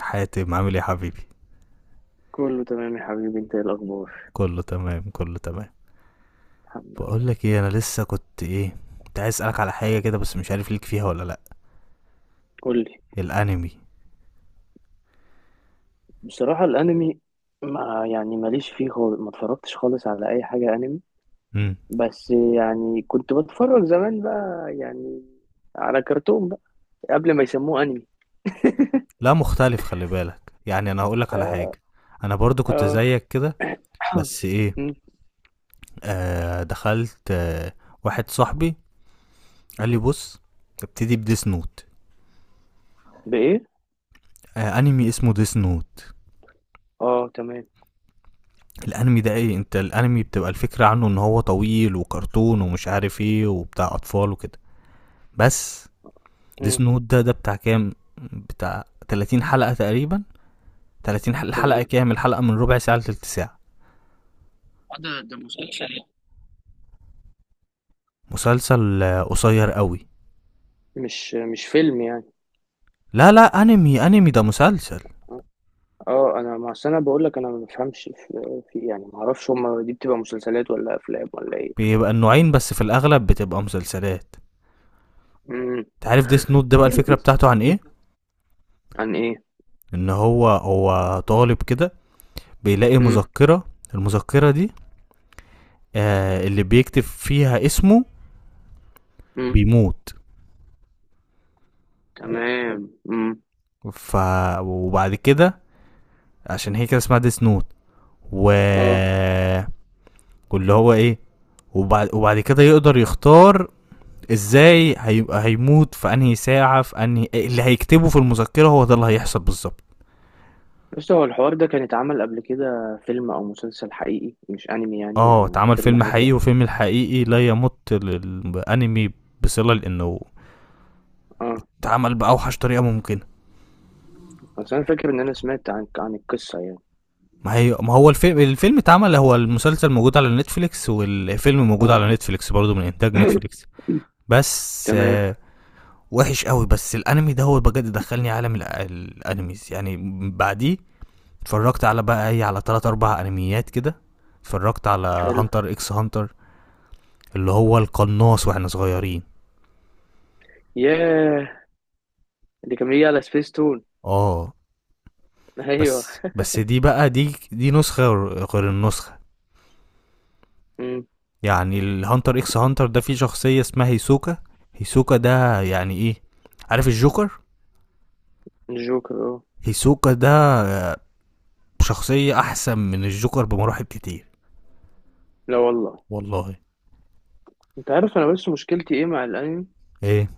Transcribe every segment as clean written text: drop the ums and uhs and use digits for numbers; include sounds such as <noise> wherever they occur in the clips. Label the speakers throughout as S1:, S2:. S1: حاتم عامل ايه يا حبيبي؟
S2: كله تمام يا حبيبي، انت ايه الاخبار؟
S1: كله تمام، كله تمام.
S2: الحمد
S1: بقول
S2: لله.
S1: لك ايه، انا لسه كنت ايه، كنت عايز اسالك على حاجه كده بس مش عارف ليك فيها ولا لا.
S2: قول لي.
S1: الانمي.
S2: بصراحه الانمي، ما ماليش فيه خالص، ما اتفرجتش خالص على اي حاجه انمي.
S1: امم
S2: بس يعني كنت بتفرج زمان بقى يعني على كرتون بقى قبل ما يسموه انمي.
S1: لا مختلف، خلي بالك، يعني انا هقول لك على
S2: اه
S1: حاجه. انا برضو كنت
S2: اه.
S1: زيك كده،
S2: <coughs>
S1: بس ايه،
S2: م-
S1: دخلت واحد صاحبي قال لي
S2: م.
S1: بص، ابتدي بديس نوت.
S2: بايه؟
S1: انمي اسمه ديس نوت.
S2: اه تمام.
S1: الانمي ده، ايه انت، الانمي بتبقى الفكره عنه ان هو طويل وكرتون ومش عارف ايه وبتاع اطفال وكده. بس
S2: م،
S1: ديس نوت ده بتاع كام؟ بتاع 30 حلقة تقريبا. 30 حلقة، الحلقة
S2: تمام.
S1: كام؟ الحلقة من ربع ساعة لتلت ساعة.
S2: آه، ده مسلسل يعني.
S1: مسلسل قصير قوي.
S2: مش فيلم يعني.
S1: لا لا، انمي، انمي ده مسلسل.
S2: اه انا ما أصل انا بقول لك، انا ما بفهمش في يعني، ما اعرفش هما دي بتبقى مسلسلات ولا افلام ولا
S1: بيبقى النوعين، بس في الاغلب بتبقى مسلسلات.
S2: ايه.
S1: تعرف ديس نوت ده بقى الفكرة بتاعته عن ايه؟
S2: عن ايه؟
S1: ان هو طالب كده، بيلاقي
S2: مم.
S1: مذكرة. المذكرة دي، اللي بيكتب فيها اسمه
S2: مم.
S1: بيموت.
S2: تمام. مم.
S1: ف وبعد كده، عشان هي كده اسمها ديس نوت، و
S2: اه.
S1: واللي هو ايه، وبعد كده يقدر يختار ازاي هيموت، في انهي ساعه، في انهي اللي هيكتبه في المذكره هو ده اللي هيحصل بالظبط.
S2: بس هو الحوار ده كان اتعمل قبل كده فيلم او مسلسل حقيقي مش انمي يعني،
S1: اه،
S2: يعني
S1: اتعمل
S2: فيلم
S1: فيلم
S2: عادي
S1: حقيقي،
S2: يعني.
S1: وفيلم الحقيقي لا يمت للانمي بصله، لانه
S2: اه.
S1: اتعمل باوحش طريقه ممكنه.
S2: بس انا فاكر ان انا سمعت عن القصة يعني.
S1: ما هي، ما هو الفيلم، الفيلم اتعمل، هو المسلسل موجود على نتفليكس والفيلم موجود
S2: اه.
S1: على نتفليكس برضه من انتاج
S2: <coughs>
S1: نتفليكس.
S2: <clears throat>
S1: بس
S2: تمام.
S1: وحش قوي، بس الانمي ده هو بجد دخلني عالم الانميز يعني. بعديه اتفرجت على بقى ايه، على تلات اربع انميات كده. اتفرجت على
S2: حلو.
S1: هانتر اكس هانتر، اللي هو القناص واحنا صغيرين.
S2: ياه، اللي كان بيجي على سبيس تون.
S1: اه،
S2: <laughs> ايوه.
S1: بس بس دي بقى، دي نسخة غير النسخة.
S2: مم.
S1: يعني الهانتر اكس هانتر ده فيه شخصية اسمها هيسوكا. هيسوكا ده يعني ايه؟ عارف الجوكر؟
S2: الجوكر اه.
S1: هيسوكا ده آه، شخصية احسن من الجوكر بمراحل كتير.
S2: لا والله.
S1: والله.
S2: انت عارف، انا بس مشكلتي ايه مع الانمي؟
S1: ايه.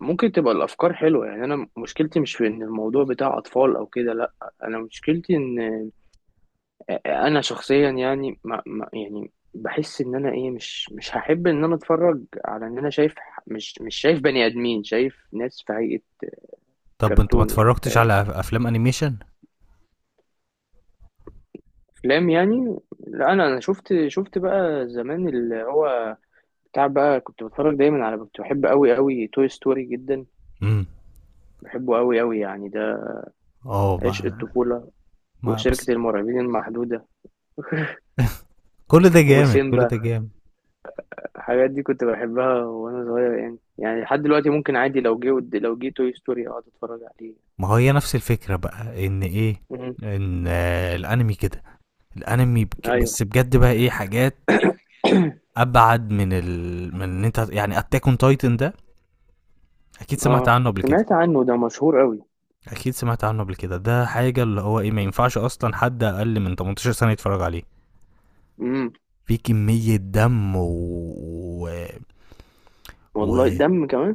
S2: ممكن تبقى الافكار حلوة، يعني انا مشكلتي مش في ان الموضوع بتاع اطفال او كده، لا. انا مشكلتي ان انا شخصيا يعني ما يعني بحس ان انا ايه، مش هحب ان انا اتفرج، على ان انا شايف مش شايف بني ادمين، شايف ناس في هيئة
S1: طب انت ما
S2: كرتون يعني،
S1: اتفرجتش
S2: فاهم؟
S1: على افلام انيميشن؟
S2: افلام يعني. لا انا شفت، بقى زمان اللي هو بتاع بقى، كنت بتفرج دايما على، كنت بحب قوي قوي توي ستوري جدا.
S1: امم
S2: بحبه قوي قوي يعني، ده
S1: اه،
S2: عشق
S1: ما
S2: الطفولة.
S1: ما بس.
S2: وشركة المرعبين المحدودة. <laughs>
S1: كل ده جامد، كل ده
S2: وسيمبا.
S1: جامد.
S2: الحاجات دي كنت بحبها وانا صغير يعني، يعني لحد دلوقتي ممكن عادي، لو جه لو جه توي ستوري اقعد اتفرج عليه.
S1: ما هي نفس الفكرة بقى، ان ايه،
S2: امم.
S1: ان الانمي كده. الانمي بك،
S2: ايوه.
S1: بس بجد بقى ايه، حاجات ابعد من ال، من ان انت يعني، اتاك اون تايتن ده اكيد سمعت
S2: اه
S1: عنه قبل كده.
S2: سمعت عنه، ده مشهور قوي.
S1: اكيد سمعت عنه قبل كده، ده حاجة اللي هو ايه، ما ينفعش اصلا حد اقل من 18 سنة يتفرج عليه.
S2: امم.
S1: في كمية دم و...
S2: والله
S1: و...
S2: دم كمان؟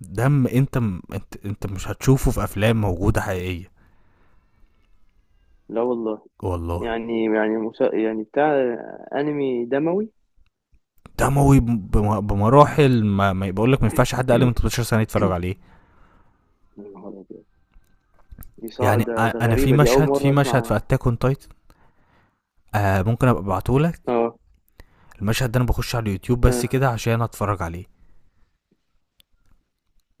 S1: دم انت انت، انت مش هتشوفه في افلام موجودة حقيقية.
S2: لا والله.
S1: والله.
S2: يعني يعني يعني بتاع انمي دموي.
S1: دموي بمراحل، ما بقول لك، ما ينفعش حد اقل من 18 سنه يتفرج عليه.
S2: يا نهار أبيض. دي
S1: يعني
S2: ده
S1: انا في
S2: غريبة، دي أول
S1: مشهد، في
S2: مرة أسمع
S1: مشهد في
S2: عنها.
S1: اتاك اون تايتن، ممكن ابقى ابعتهولك.
S2: اه.
S1: المشهد ده انا بخش على اليوتيوب بس
S2: آه.
S1: كده عشان اتفرج عليه.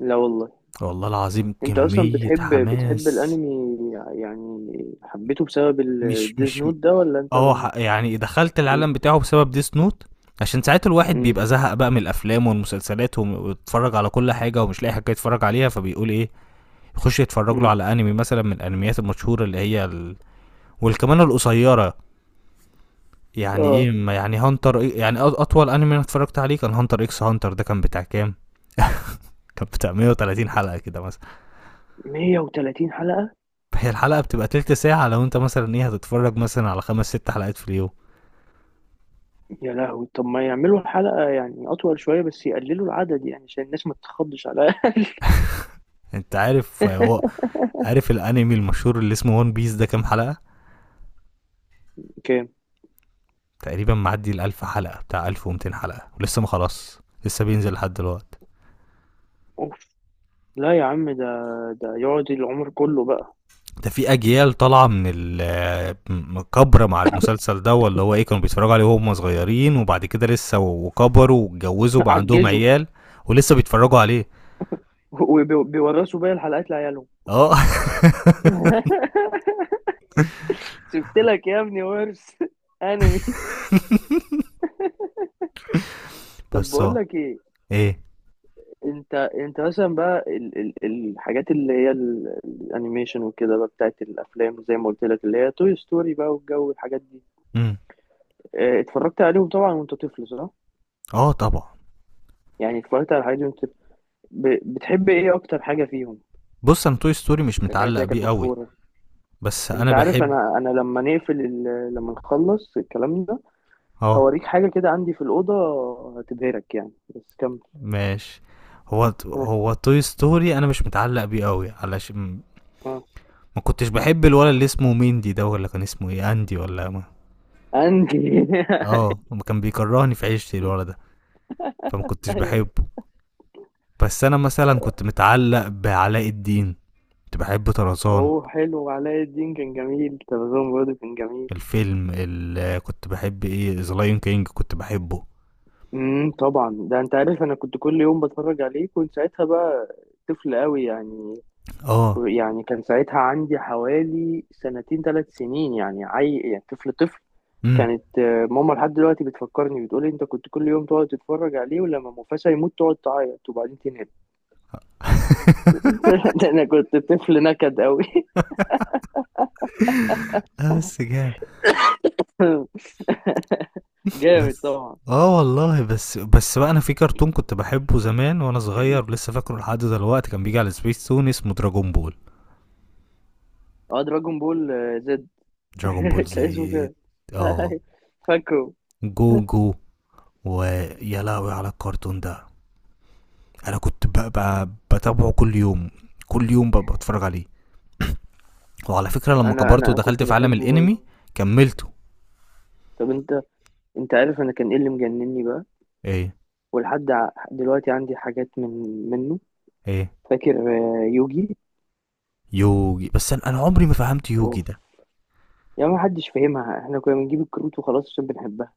S2: لا والله.
S1: والله العظيم
S2: أنت أصلا
S1: كمية
S2: بتحب
S1: حماس.
S2: الأنمي يعني؟ حبيته بسبب
S1: مش
S2: الديز
S1: مش
S2: نوت ده ولا أنت؟
S1: اه، يعني دخلت
S2: مم.
S1: العالم بتاعه بسبب ديس نوت. عشان ساعات الواحد
S2: مم.
S1: بيبقى زهق بقى من الافلام والمسلسلات ويتفرج على كل حاجه ومش لاقي حاجه يتفرج عليها، فبيقول ايه، يخش يتفرج له
S2: مم.
S1: على انمي مثلا من الانميات المشهوره اللي هي ال... والكمان القصيره. يعني
S2: اه.
S1: ايه، ما يعني هانتر إيه؟ يعني اطول انمي انا اتفرجت عليه كان هانتر اكس هانتر، ده كان بتاع كام؟ <laughs> كان بتاع 130 حلقه كده مثلا.
S2: 130 حلقة؟
S1: هي الحلقه بتبقى تلت ساعه، لو انت مثلا ايه، هتتفرج مثلا على خمس ست حلقات في اليوم.
S2: يا لهوي. طب ما يعملوا الحلقة يعني أطول شوية بس يقللوا العدد، يعني عشان الناس ما تتخضش على.
S1: انت عارف،
S2: <laughs>
S1: عارف الانمي المشهور اللي اسمه ون بيس ده كام حلقه؟
S2: كام؟
S1: تقريبا معدي ال 1000 حلقه، بتاع 1200 حلقه، ولسه ما خلاص، لسه بينزل لحد دلوقتي.
S2: أوف. لا يا عم، ده يقعد العمر كله بقى.
S1: ده في اجيال طالعه من الكبره مع المسلسل ده، اللي هو ايه، كانوا بيتفرجوا عليه وهم صغيرين، وبعد كده لسه وكبروا واتجوزوا
S2: <laughs>
S1: بقى عندهم
S2: عجزوا.
S1: عيال ولسه بيتفرجوا عليه.
S2: وبيورثوا باقي الحلقات لعيالهم.
S1: اه. <laughs>
S2: <laughs> سبت لك يا ابني ورث <laughs> انمي.
S1: <applause>
S2: طب
S1: بس
S2: بقول
S1: اه.
S2: لك ايه،
S1: ايه.
S2: انت مثلا بقى ال الحاجات اللي هي الانيميشن وكده بقى بتاعت الافلام، زي ما قلت لك اللي هي توي ستوري بقى والجو، الحاجات دي
S1: امم
S2: آه، اتفرجت عليهم طبعا وانت طفل، صح؟
S1: اه طبعا.
S2: يعني اتفرجت على الحاجات دي وانت طفل. بتحب ايه اكتر حاجة فيهم؟
S1: بص انا توي ستوري مش
S2: في الحاجات اللي
S1: متعلق
S2: هي كانت
S1: بيه قوي،
S2: مشهورة.
S1: بس
S2: انت
S1: انا
S2: عارف،
S1: بحب.
S2: انا لما نقفل ال... لما نخلص الكلام ده
S1: اه
S2: هوريك حاجة كده عندي في الأوضة، هتبهرك يعني، بس كمل.
S1: ماشي. هو
S2: آه.
S1: هو توي ستوري انا مش متعلق بيه قوي علشان
S2: آه.
S1: ما كنتش بحب الولد اللي اسمه ميندي ده، ولا كان اسمه ايه، اندي ولا ما.
S2: عندي.
S1: اه، ما كان بيكرهني في عيشتي
S2: <laughs>
S1: الولد ده. فما كنتش
S2: ايوه.
S1: بحبه. بس انا مثلا كنت متعلق بعلاء الدين، كنت بحب طرزان.
S2: هو حلو، علاء الدين كان جميل، تلفزيون برضه كان جميل.
S1: الفيلم اللي كنت بحب ايه، ذا لايون كينج، كنت بحبه.
S2: طبعا، ده انت عارف انا كنت كل يوم بتفرج عليه، كنت ساعتها بقى طفل قوي يعني.
S1: اه.
S2: يعني كان ساعتها عندي حوالي سنتين ثلاث سنين يعني، يعني طفل طفل.
S1: امم
S2: كانت آه، ماما لحد دلوقتي بتفكرني، بتقولي انت كنت كل يوم تقعد تتفرج عليه، ولما مفاسا يموت تقعد تعيط وبعدين تنام.
S1: <laughs>
S2: <laughs> ده انا كنت طفل نكد قوي.
S1: اه بس جامد.
S2: <laughs> جامد
S1: بس
S2: طبعا.
S1: اه والله، بس بس بقى، انا في كرتون كنت بحبه زمان وانا صغير لسه فاكره لحد دلوقتي، كان بيجي على سبيس تون، اسمه دراجون بول.
S2: اه دراجون بول آه، زد.
S1: دراجون بول
S2: <laughs> كان اسمه
S1: زيت.
S2: كده.
S1: اه.
S2: <laughs> فاكره.
S1: جوجو. ويا لهوي على الكرتون ده، انا كنت بتابعه كل يوم، كل يوم بتفرج عليه. وعلى فكره لما
S2: انا
S1: كبرت
S2: انا
S1: ودخلت
S2: كنت
S1: في عالم
S2: بحبه
S1: الانمي
S2: برضه.
S1: كملته.
S2: طب انت، انت عارف انا كان ايه اللي مجنني بقى؟
S1: ايه.
S2: ولحد دلوقتي عندي حاجات من منه.
S1: ايه.
S2: فاكر آه، يوجي.
S1: يوجي؟ بس انا، عمري ما فهمت يوجي
S2: اوف.
S1: ده.
S2: يا ما حدش فاهمها، احنا كنا بنجيب الكروت وخلاص عشان بنحبها.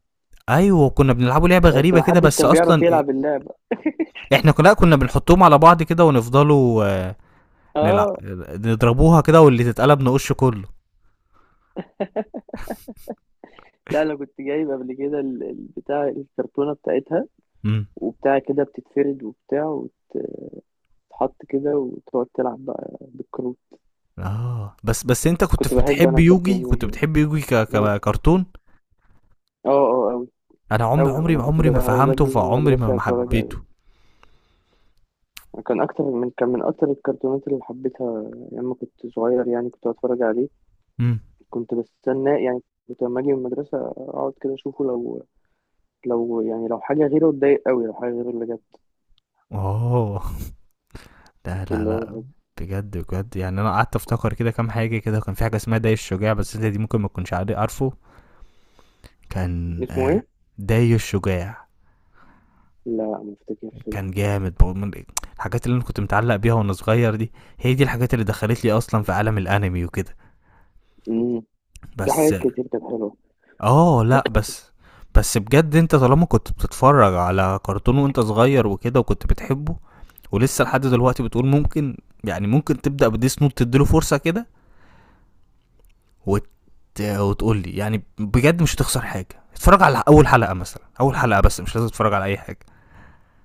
S1: ايوه، كنا بنلعبه لعبه
S2: بس
S1: غريبه
S2: ما
S1: كده
S2: حدش
S1: بس
S2: كان بيعرف
S1: اصلا إيه؟
S2: يلعب اللعبة.
S1: احنا كنا بنحطهم على بعض كده ونفضلوا نلعب،
S2: اه.
S1: نضربوها كده واللي تتقلب نقش كله.
S2: لا انا كنت جايب قبل كده بتاع الكرتونة بتاعتها
S1: امم
S2: وبتاع كده، بتتفرد وبتاع، وتتحط كده وتقعد تلعب بقى بالكروت.
S1: اه، بس بس انت
S2: بس كنت
S1: كنت
S2: بحب
S1: بتحب
S2: انا
S1: يوجي؟
S2: الكرتون
S1: كنت
S2: يومي أوي.
S1: بتحب يوجي
S2: مم.
S1: ككرتون؟
S2: اه اه اوي.
S1: انا عمري
S2: اوي،
S1: عمري
S2: انا كنت
S1: عمري ما
S2: بقى-
S1: فهمته،
S2: باجي من
S1: فعمري ما
S2: المدرسة
S1: ما
S2: اتفرج
S1: حبيته.
S2: عليه. كان اكتر من كان من اكتر الكرتونات اللي حبيتها لما كنت صغير يعني، كنت اتفرج عليه،
S1: امم
S2: كنت بستناه يعني، كنت لما اجي من المدرسه اقعد كده اشوفه. لو لو حاجه غيره اتضايق قوي، لو حاجه غيره اللي جت،
S1: اوه. لا لا
S2: اللي هو
S1: لا.
S2: بحبه.
S1: بجد بجد، يعني انا قعدت افتكر كده كام حاجه كده، كان في حاجه اسمها داي الشجاع، بس انت دي ممكن ما تكونش عارفه. كان
S2: اسمه ايه؟
S1: داي الشجاع
S2: لا ما افتكرش ده.
S1: كان جامد بقى، من الحاجات اللي انا كنت متعلق بيها وانا صغير دي. هي دي الحاجات اللي دخلت لي اصلا في عالم الانمي وكده.
S2: امم. في
S1: بس.
S2: حاجات كتير كانت حلوه.
S1: اه لا بس، بس بجد انت طالما كنت بتتفرج على كرتون وانت صغير وكده وكنت بتحبه، ولسه لحد
S2: امم.
S1: دلوقتي بتقول ممكن، يعني ممكن تبدأ بديس نوت، تديله فرصة كده، وت... وتقول لي يعني بجد مش هتخسر حاجه، اتفرج على اول حلقه مثلا، اول حلقه بس مش لازم تتفرج على اي حاجه.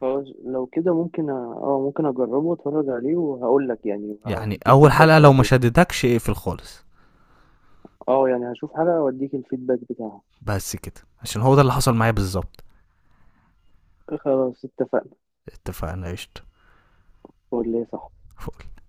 S2: خلاص لو كده ممكن ممكن اجربه واتفرج عليه وهقول لك يعني،
S1: يعني
S2: هوديك
S1: اول
S2: الفيدباك
S1: حلقه
S2: على
S1: لو ما
S2: طول.
S1: شدتكش اقفل خالص.
S2: اه يعني هشوف حلقه واديك الفيدباك بتاعها.
S1: بس كده عشان هو ده اللي حصل معايا بالظبط.
S2: خلاص اتفقنا.
S1: اتفقنا قشطه.
S2: قول لي صح.
S1: فول.